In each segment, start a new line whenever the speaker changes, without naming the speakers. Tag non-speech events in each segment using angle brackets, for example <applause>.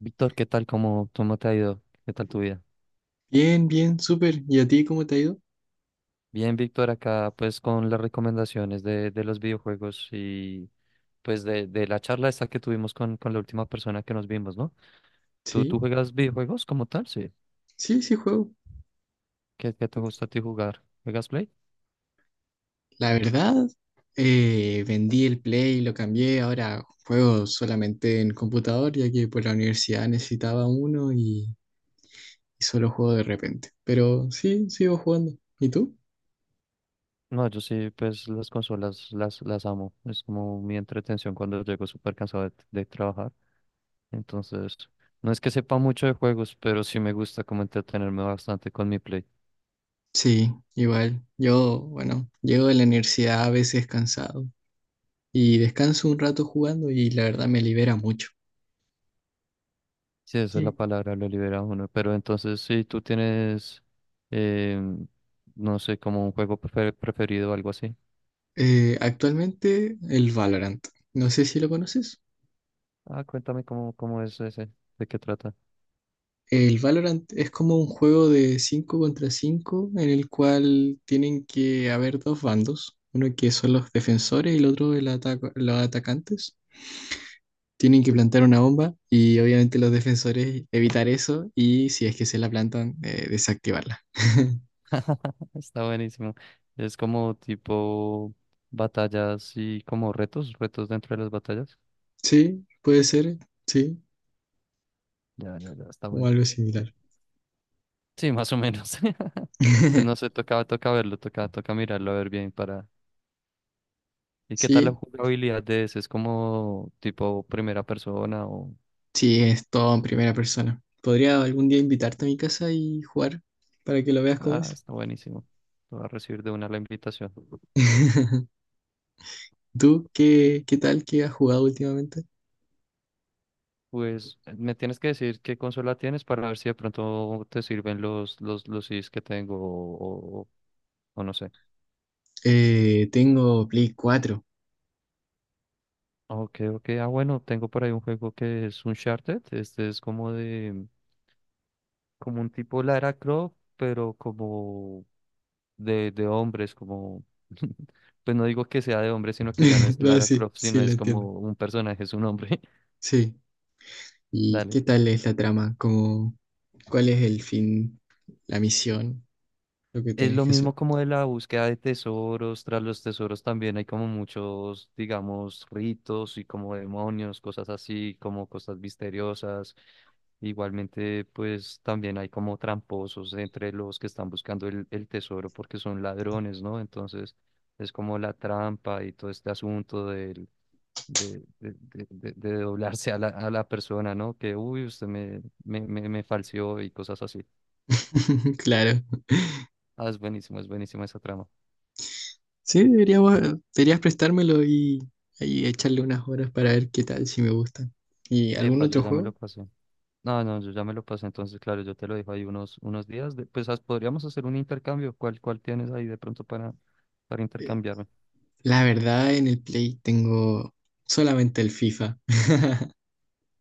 Víctor, ¿qué tal? ¿¿Cómo te ha ido? ¿Qué tal tu vida?
Bien, bien, súper. ¿Y a ti cómo te ha ido?
Bien, Víctor, acá pues con las recomendaciones de los videojuegos y pues de la charla esta que tuvimos con la última persona que nos vimos, ¿no? ¿¿Tú
Sí,
juegas videojuegos como tal? Sí.
sí, sí juego.
¿¿Qué te gusta a ti jugar? ¿Juegas Play?
La verdad, vendí el Play, lo cambié, ahora juego solamente en computador, ya que por la universidad necesitaba uno y solo juego de repente. Pero sí, sigo jugando. ¿Y tú?
No, yo sí, pues las consolas las amo. Es como mi entretención cuando llego súper cansado de trabajar. Entonces, no es que sepa mucho de juegos, pero sí me gusta como entretenerme bastante con mi Play.
Sí, igual. Yo, bueno, llego de la universidad a veces cansado y descanso un rato jugando y la verdad me libera mucho.
Sí, esa es la
Sí.
palabra, lo libera uno. Pero entonces, si tú tienes, em, no sé, como un juego preferido o algo así.
Actualmente el Valorant. No sé si lo conoces.
Ah, cuéntame cómo es ese, de qué trata.
El Valorant es como un juego de 5 contra 5 en el cual tienen que haber dos bandos, uno que son los defensores y el otro los atacantes. Tienen que plantar una bomba y obviamente los defensores evitar eso y si es que se la plantan, desactivarla. <laughs>
<laughs> Está buenísimo. Es como tipo batallas y como retos, retos dentro de las batallas.
Sí, puede ser, sí,
Ya, ya, ya, está
o
bueno.
algo similar.
Sí, sí, más o menos. <laughs> Pues no
<laughs>
sé, toca, toca verlo, toca, toca mirarlo a ver bien para... ¿Y qué tal la
Sí,
jugabilidad de ese? ¿Es como tipo primera persona o...?
sí, es todo en primera persona. Podría algún día invitarte a mi casa y jugar para que lo veas cómo
Ah,
es.
está buenísimo. Te voy a recibir de una la invitación.
<laughs> ¿Tú qué tal que has jugado últimamente?
Pues me tienes que decir qué consola tienes para ver si de pronto te sirven los CDs que tengo o no sé.
Tengo Play 4.
Ok, ok. Ah, bueno, tengo por ahí un juego que es Uncharted. Este es como de, como un tipo Lara Croft, pero como de hombres, como, <laughs> pues no digo que sea de hombres, sino que ya no
<laughs>
es
No,
Lara
sí,
Croft,
sí,
sino
lo
es
entiendo.
como un personaje, es un hombre.
Sí.
<laughs>
¿Y
Dale.
qué tal es la trama? Como, ¿cuál es el fin, la misión, lo que
Es
tienes
lo
que hacer?
mismo como de la búsqueda de tesoros, tras los tesoros también hay como muchos, digamos, ritos y como demonios, cosas así, como cosas misteriosas. Igualmente, pues también hay como tramposos entre los que están buscando el tesoro porque son ladrones, ¿no? Entonces es como la trampa y todo este asunto de doblarse a la persona, ¿no? Que, uy, usted me falseó y cosas así.
<laughs> Claro.
Ah, es buenísimo, es buenísima esa trama.
Sí, deberías prestármelo y echarle unas horas para ver qué tal, si me gustan. ¿Y algún
Epa, yo
otro
ya me
juego?
lo pasé. No, no, yo ya me lo pasé. Entonces, claro, yo te lo dejo ahí unos días. Podríamos hacer un intercambio. ¿¿Cuál tienes ahí de pronto para
Eh,
intercambiarme?
La verdad, en el Play tengo solamente el FIFA. <laughs>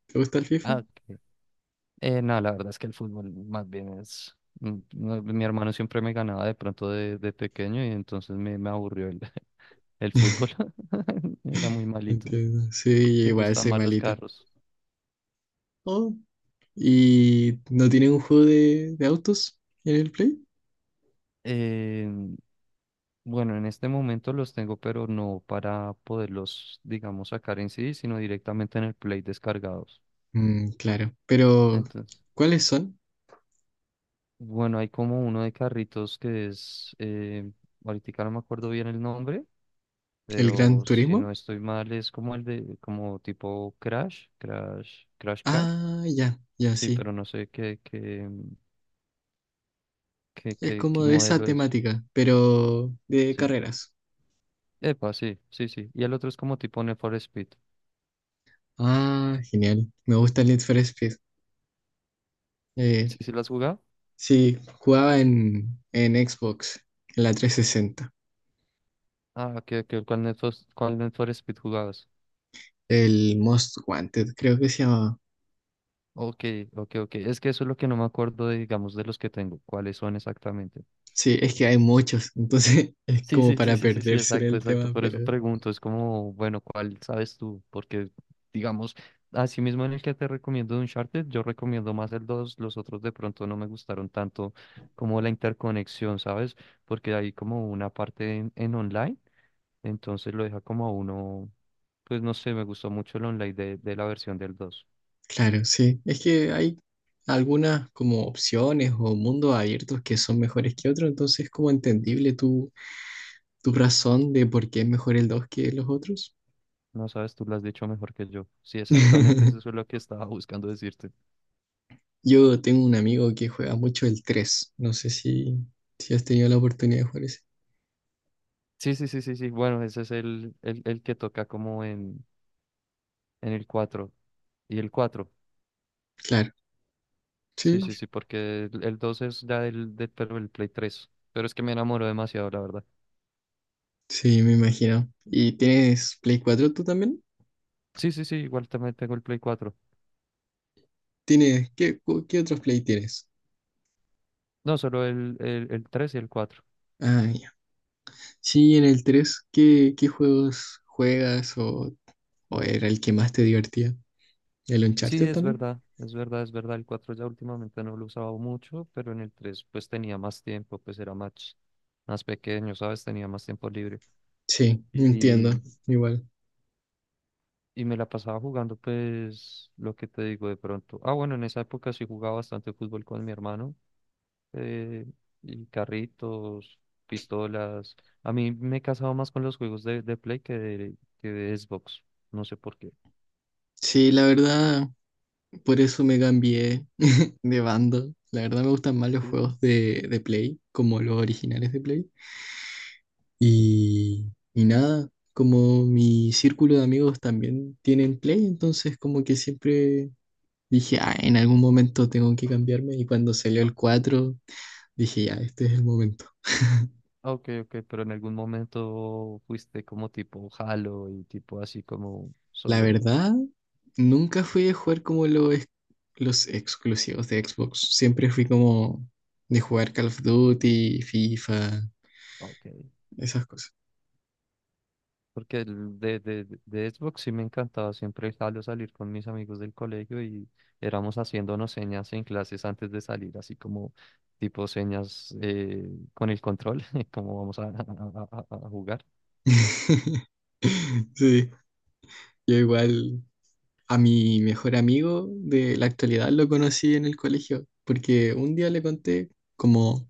¿Te gusta el FIFA?
Ah, ok. No, la verdad es que el fútbol más bien es... mm, no, mi hermano siempre me ganaba de pronto de pequeño y entonces me aburrió <laughs> el
<laughs>
fútbol. <laughs> Era muy malito.
Entiendo. Sí,
Me
igual
gustan
soy
más los
malito.
carros.
Oh, ¿y no tienen un juego de autos en el Play?
Eh, bueno, en este momento los tengo, pero no para poderlos, digamos, sacar en sí, sino directamente en el Play descargados.
Mm, claro. Pero,
Entonces,
¿cuáles son?
bueno, hay como uno de carritos que es, ahorita no me acuerdo bien el nombre,
¿El Gran
pero si no
Turismo?
estoy mal es como el de, como tipo Crash Car.
Ah, ya, ya,
Sí,
sí.
pero no sé qué, qué, qué,
Es
qué, qué
como de esa
modelo es.
temática, pero de
Sí.
carreras.
Epa, sí, sí, sí. Y el otro es como tipo Need for Speed.
Ah, genial. Me gusta el Need for Speed. Eh,
¿Sí, sí lo has jugado?
sí, jugaba en Xbox, en la 360.
Ah, que cuál Need for Speed jugabas?
El Most Wanted, creo que se llamaba.
Ok, ok, ok. Es que eso es lo que no me acuerdo, de, digamos, de los que tengo. ¿Cuáles son exactamente?
Sí, es que hay muchos, entonces <laughs> es
Sí,
como
sí, sí,
para
sí, sí, sí,
perderse en
exacto,
el
exacto.
tema,
Por eso
pero
pregunto, es como, bueno, ¿cuál sabes tú? Porque, digamos, así mismo en el que te recomiendo de Uncharted, yo recomiendo más el dos, los otros de pronto no me gustaron tanto como la interconexión, ¿sabes? Porque hay como una parte en online, entonces lo deja como a uno, pues no sé, me gustó mucho el online de la versión del dos.
claro, sí, es que hay algunas como opciones o mundos abiertos que son mejores que otros, entonces es como entendible tu razón de por qué es mejor el 2 que los otros.
No sabes, tú lo has dicho mejor que yo. Sí, exactamente eso es
<laughs>
lo que estaba <laughs> buscando decirte.
Yo tengo un amigo que juega mucho el 3, no sé si has tenido la oportunidad de jugar ese.
Sí, sí, sí, sí, sí. Bueno, ese es el que toca como en el cuatro. Y el cuatro.
Claro, sí,
Sí, sí, sí, porque el 2 es ya del, pero el Play tres. Pero es que me enamoro demasiado, la verdad.
sí, me imagino. ¿Y tienes Play 4 tú también?
Sí, sí, sí, igual también tengo el Play cuatro.
¿Tienes, qué otros Play tienes?
No, solo el 3 y el cuatro.
Ah, sí, en el 3 ¿qué juegos juegas o era el que más te divertía? ¿El
Sí,
Uncharted
es
también?
verdad, es verdad, es verdad. El 4 ya últimamente no lo usaba mucho, pero en el 3 pues tenía más tiempo, pues era más, más pequeño, ¿sabes? Tenía más tiempo libre.
Sí,
Y,
entiendo, igual.
y me la pasaba jugando, pues, lo que te digo de pronto. Ah, bueno, en esa época sí jugaba bastante fútbol con mi hermano. eh, y carritos, pistolas. A mí me he casado más con los juegos de Play que que de Xbox. No sé por qué.
Sí, la verdad, por eso me cambié de bando. La verdad me gustan más los
Ujú.
juegos de Play, como los originales de Play. Y, y nada, como mi círculo de amigos también tienen Play, entonces como que siempre dije, ah, en algún momento tengo que cambiarme. Y cuando salió el 4 dije, ya, este es el momento.
Ah, ok, ok, pero en algún momento fuiste como tipo Halo y tipo así como
La
solo...
verdad, nunca fui de jugar como los exclusivos de Xbox. Siempre fui como de jugar Call of Duty, FIFA,
ah, ok.
esas cosas.
Porque el de Xbox sí me encantaba siempre el Halo, salir con mis amigos del colegio y éramos haciéndonos señas en clases antes de salir, así como tipo señas con el control, <laughs> como vamos a jugar.
<laughs> Sí, yo igual, a mi mejor amigo de la actualidad lo conocí en el colegio, porque un día le conté como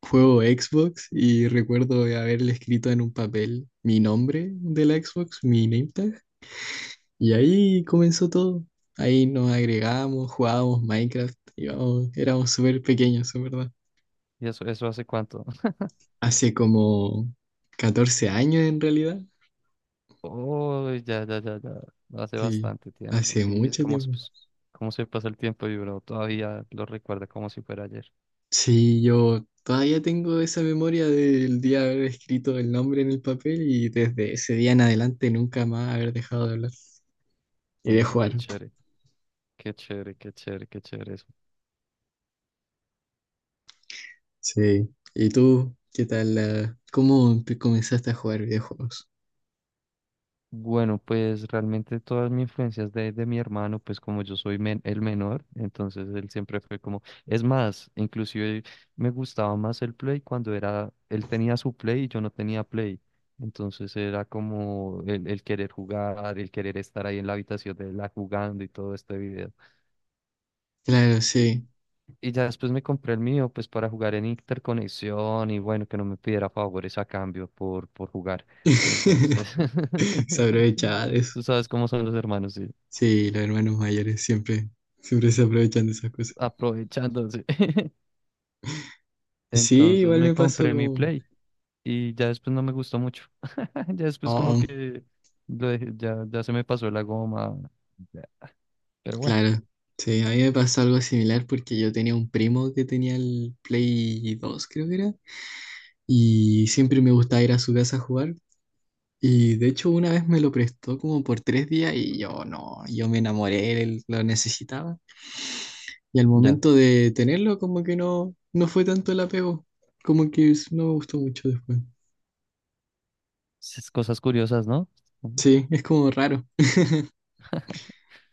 juego Xbox y recuerdo haberle escrito en un papel mi nombre de la Xbox, mi name tag, y ahí comenzó todo. Ahí nos agregamos, jugábamos Minecraft, íbamos, éramos súper pequeños, en verdad.
¿Y eso hace cuánto? <laughs>
Hace como 14 años en realidad.
Oh, ya, ya, ya, ya. No hace
Sí,
bastante tiempo.
hace
Sí, es
mucho
como,
tiempo.
pues, cómo se pasa el tiempo y uno todavía lo recuerda como si fuera ayer.
Sí, yo todavía tengo esa memoria del día de haber escrito el nombre en el papel y desde ese día en adelante nunca más haber dejado de hablar y de
Oye,
jugar.
qué chévere, qué chévere, qué chévere, qué chévere.
Sí. ¿Y tú qué tal? ¿Cómo comenzaste a jugar videojuegos?
Bueno, pues realmente todas mis influencias de mi hermano, pues como yo soy el menor, entonces él siempre fue como, es más, inclusive me gustaba más el Play cuando era, él tenía su Play y yo no tenía Play, entonces era como el querer jugar, el querer estar ahí en la habitación de la jugando y todo este video.
Claro,
Y,
sí.
y ya después me compré el mío, pues para jugar en interconexión y bueno, que no me pidiera favores a cambio por jugar. Y
<laughs>
entonces,
<laughs> Se
<laughs>
aprovechaba de eso.
tú sabes cómo son los hermanos, sí,
Sí, los hermanos mayores siempre, siempre se aprovechan de esas cosas.
aprovechándose. <laughs>
Y sí,
Entonces
igual
me
me pasó
compré mi
como...
Play y ya después no me gustó mucho. <laughs> Ya después como
Oh, oh,
que ya, ya se me pasó la goma. Ya, pero bueno,
claro. Sí, a mí me pasó algo similar porque yo tenía un primo que tenía el Play 2, creo que era, y siempre me gustaba ir a su casa a jugar. Y de hecho una vez me lo prestó como por 3 días y yo no, yo me enamoré, él lo necesitaba. Y al
ya.
momento de tenerlo como que no, no fue tanto el apego, como que no me gustó mucho después.
Esas cosas curiosas, ¿no?
Sí, es como raro.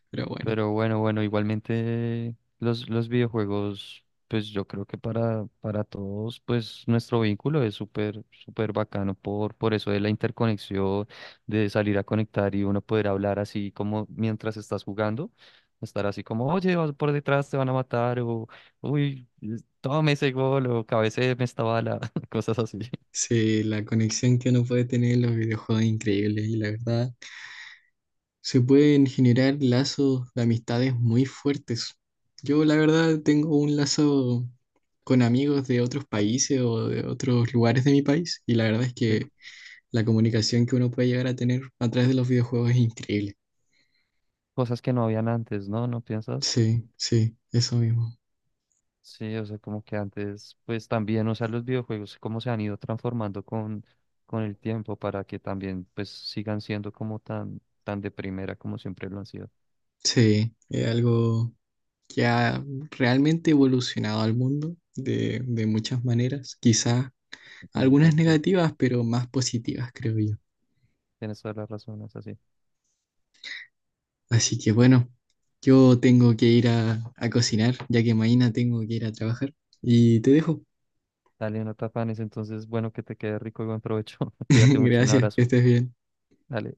Pero bueno,
Pero bueno, bueno, igualmente los videojuegos, pues yo creo que para todos, pues nuestro vínculo es súper, súper bacano por eso de la interconexión, de salir a conectar y uno poder hablar así como mientras estás jugando, estar así como, oye, vas por detrás, te van a matar, o uy, tome ese gol, o cabecéeme esta bala, <laughs> cosas así,
sí, la conexión que uno puede tener en los videojuegos es increíble y la verdad se pueden generar lazos de amistades muy fuertes. Yo la verdad tengo un lazo con amigos de otros países o de otros lugares de mi país y la verdad es
¿sí?
que la comunicación que uno puede llegar a tener a través de los videojuegos es increíble.
Cosas que no habían antes, ¿no? ¿No piensas?
Sí, sí, eso mismo.
Sí, o sea, como que antes, pues también, o sea, los videojuegos, cómo se han ido transformando con el tiempo para que también, pues, sigan siendo como tan, tan de primera como siempre lo han sido.
Sí, es algo que ha realmente evolucionado al mundo de muchas maneras. Quizás
Tienes,
algunas
ver- es-
negativas, pero más positivas, creo yo.
Tienes toda la razón, es así.
Así que bueno, yo tengo que ir a cocinar, ya que mañana tengo que ir a trabajar. Y te dejo.
Dale, no te afanes, entonces, bueno, que te quede rico y buen provecho. <laughs>
<laughs>
Cuídate mucho, un
Gracias, que
abrazo.
estés bien.
Dale.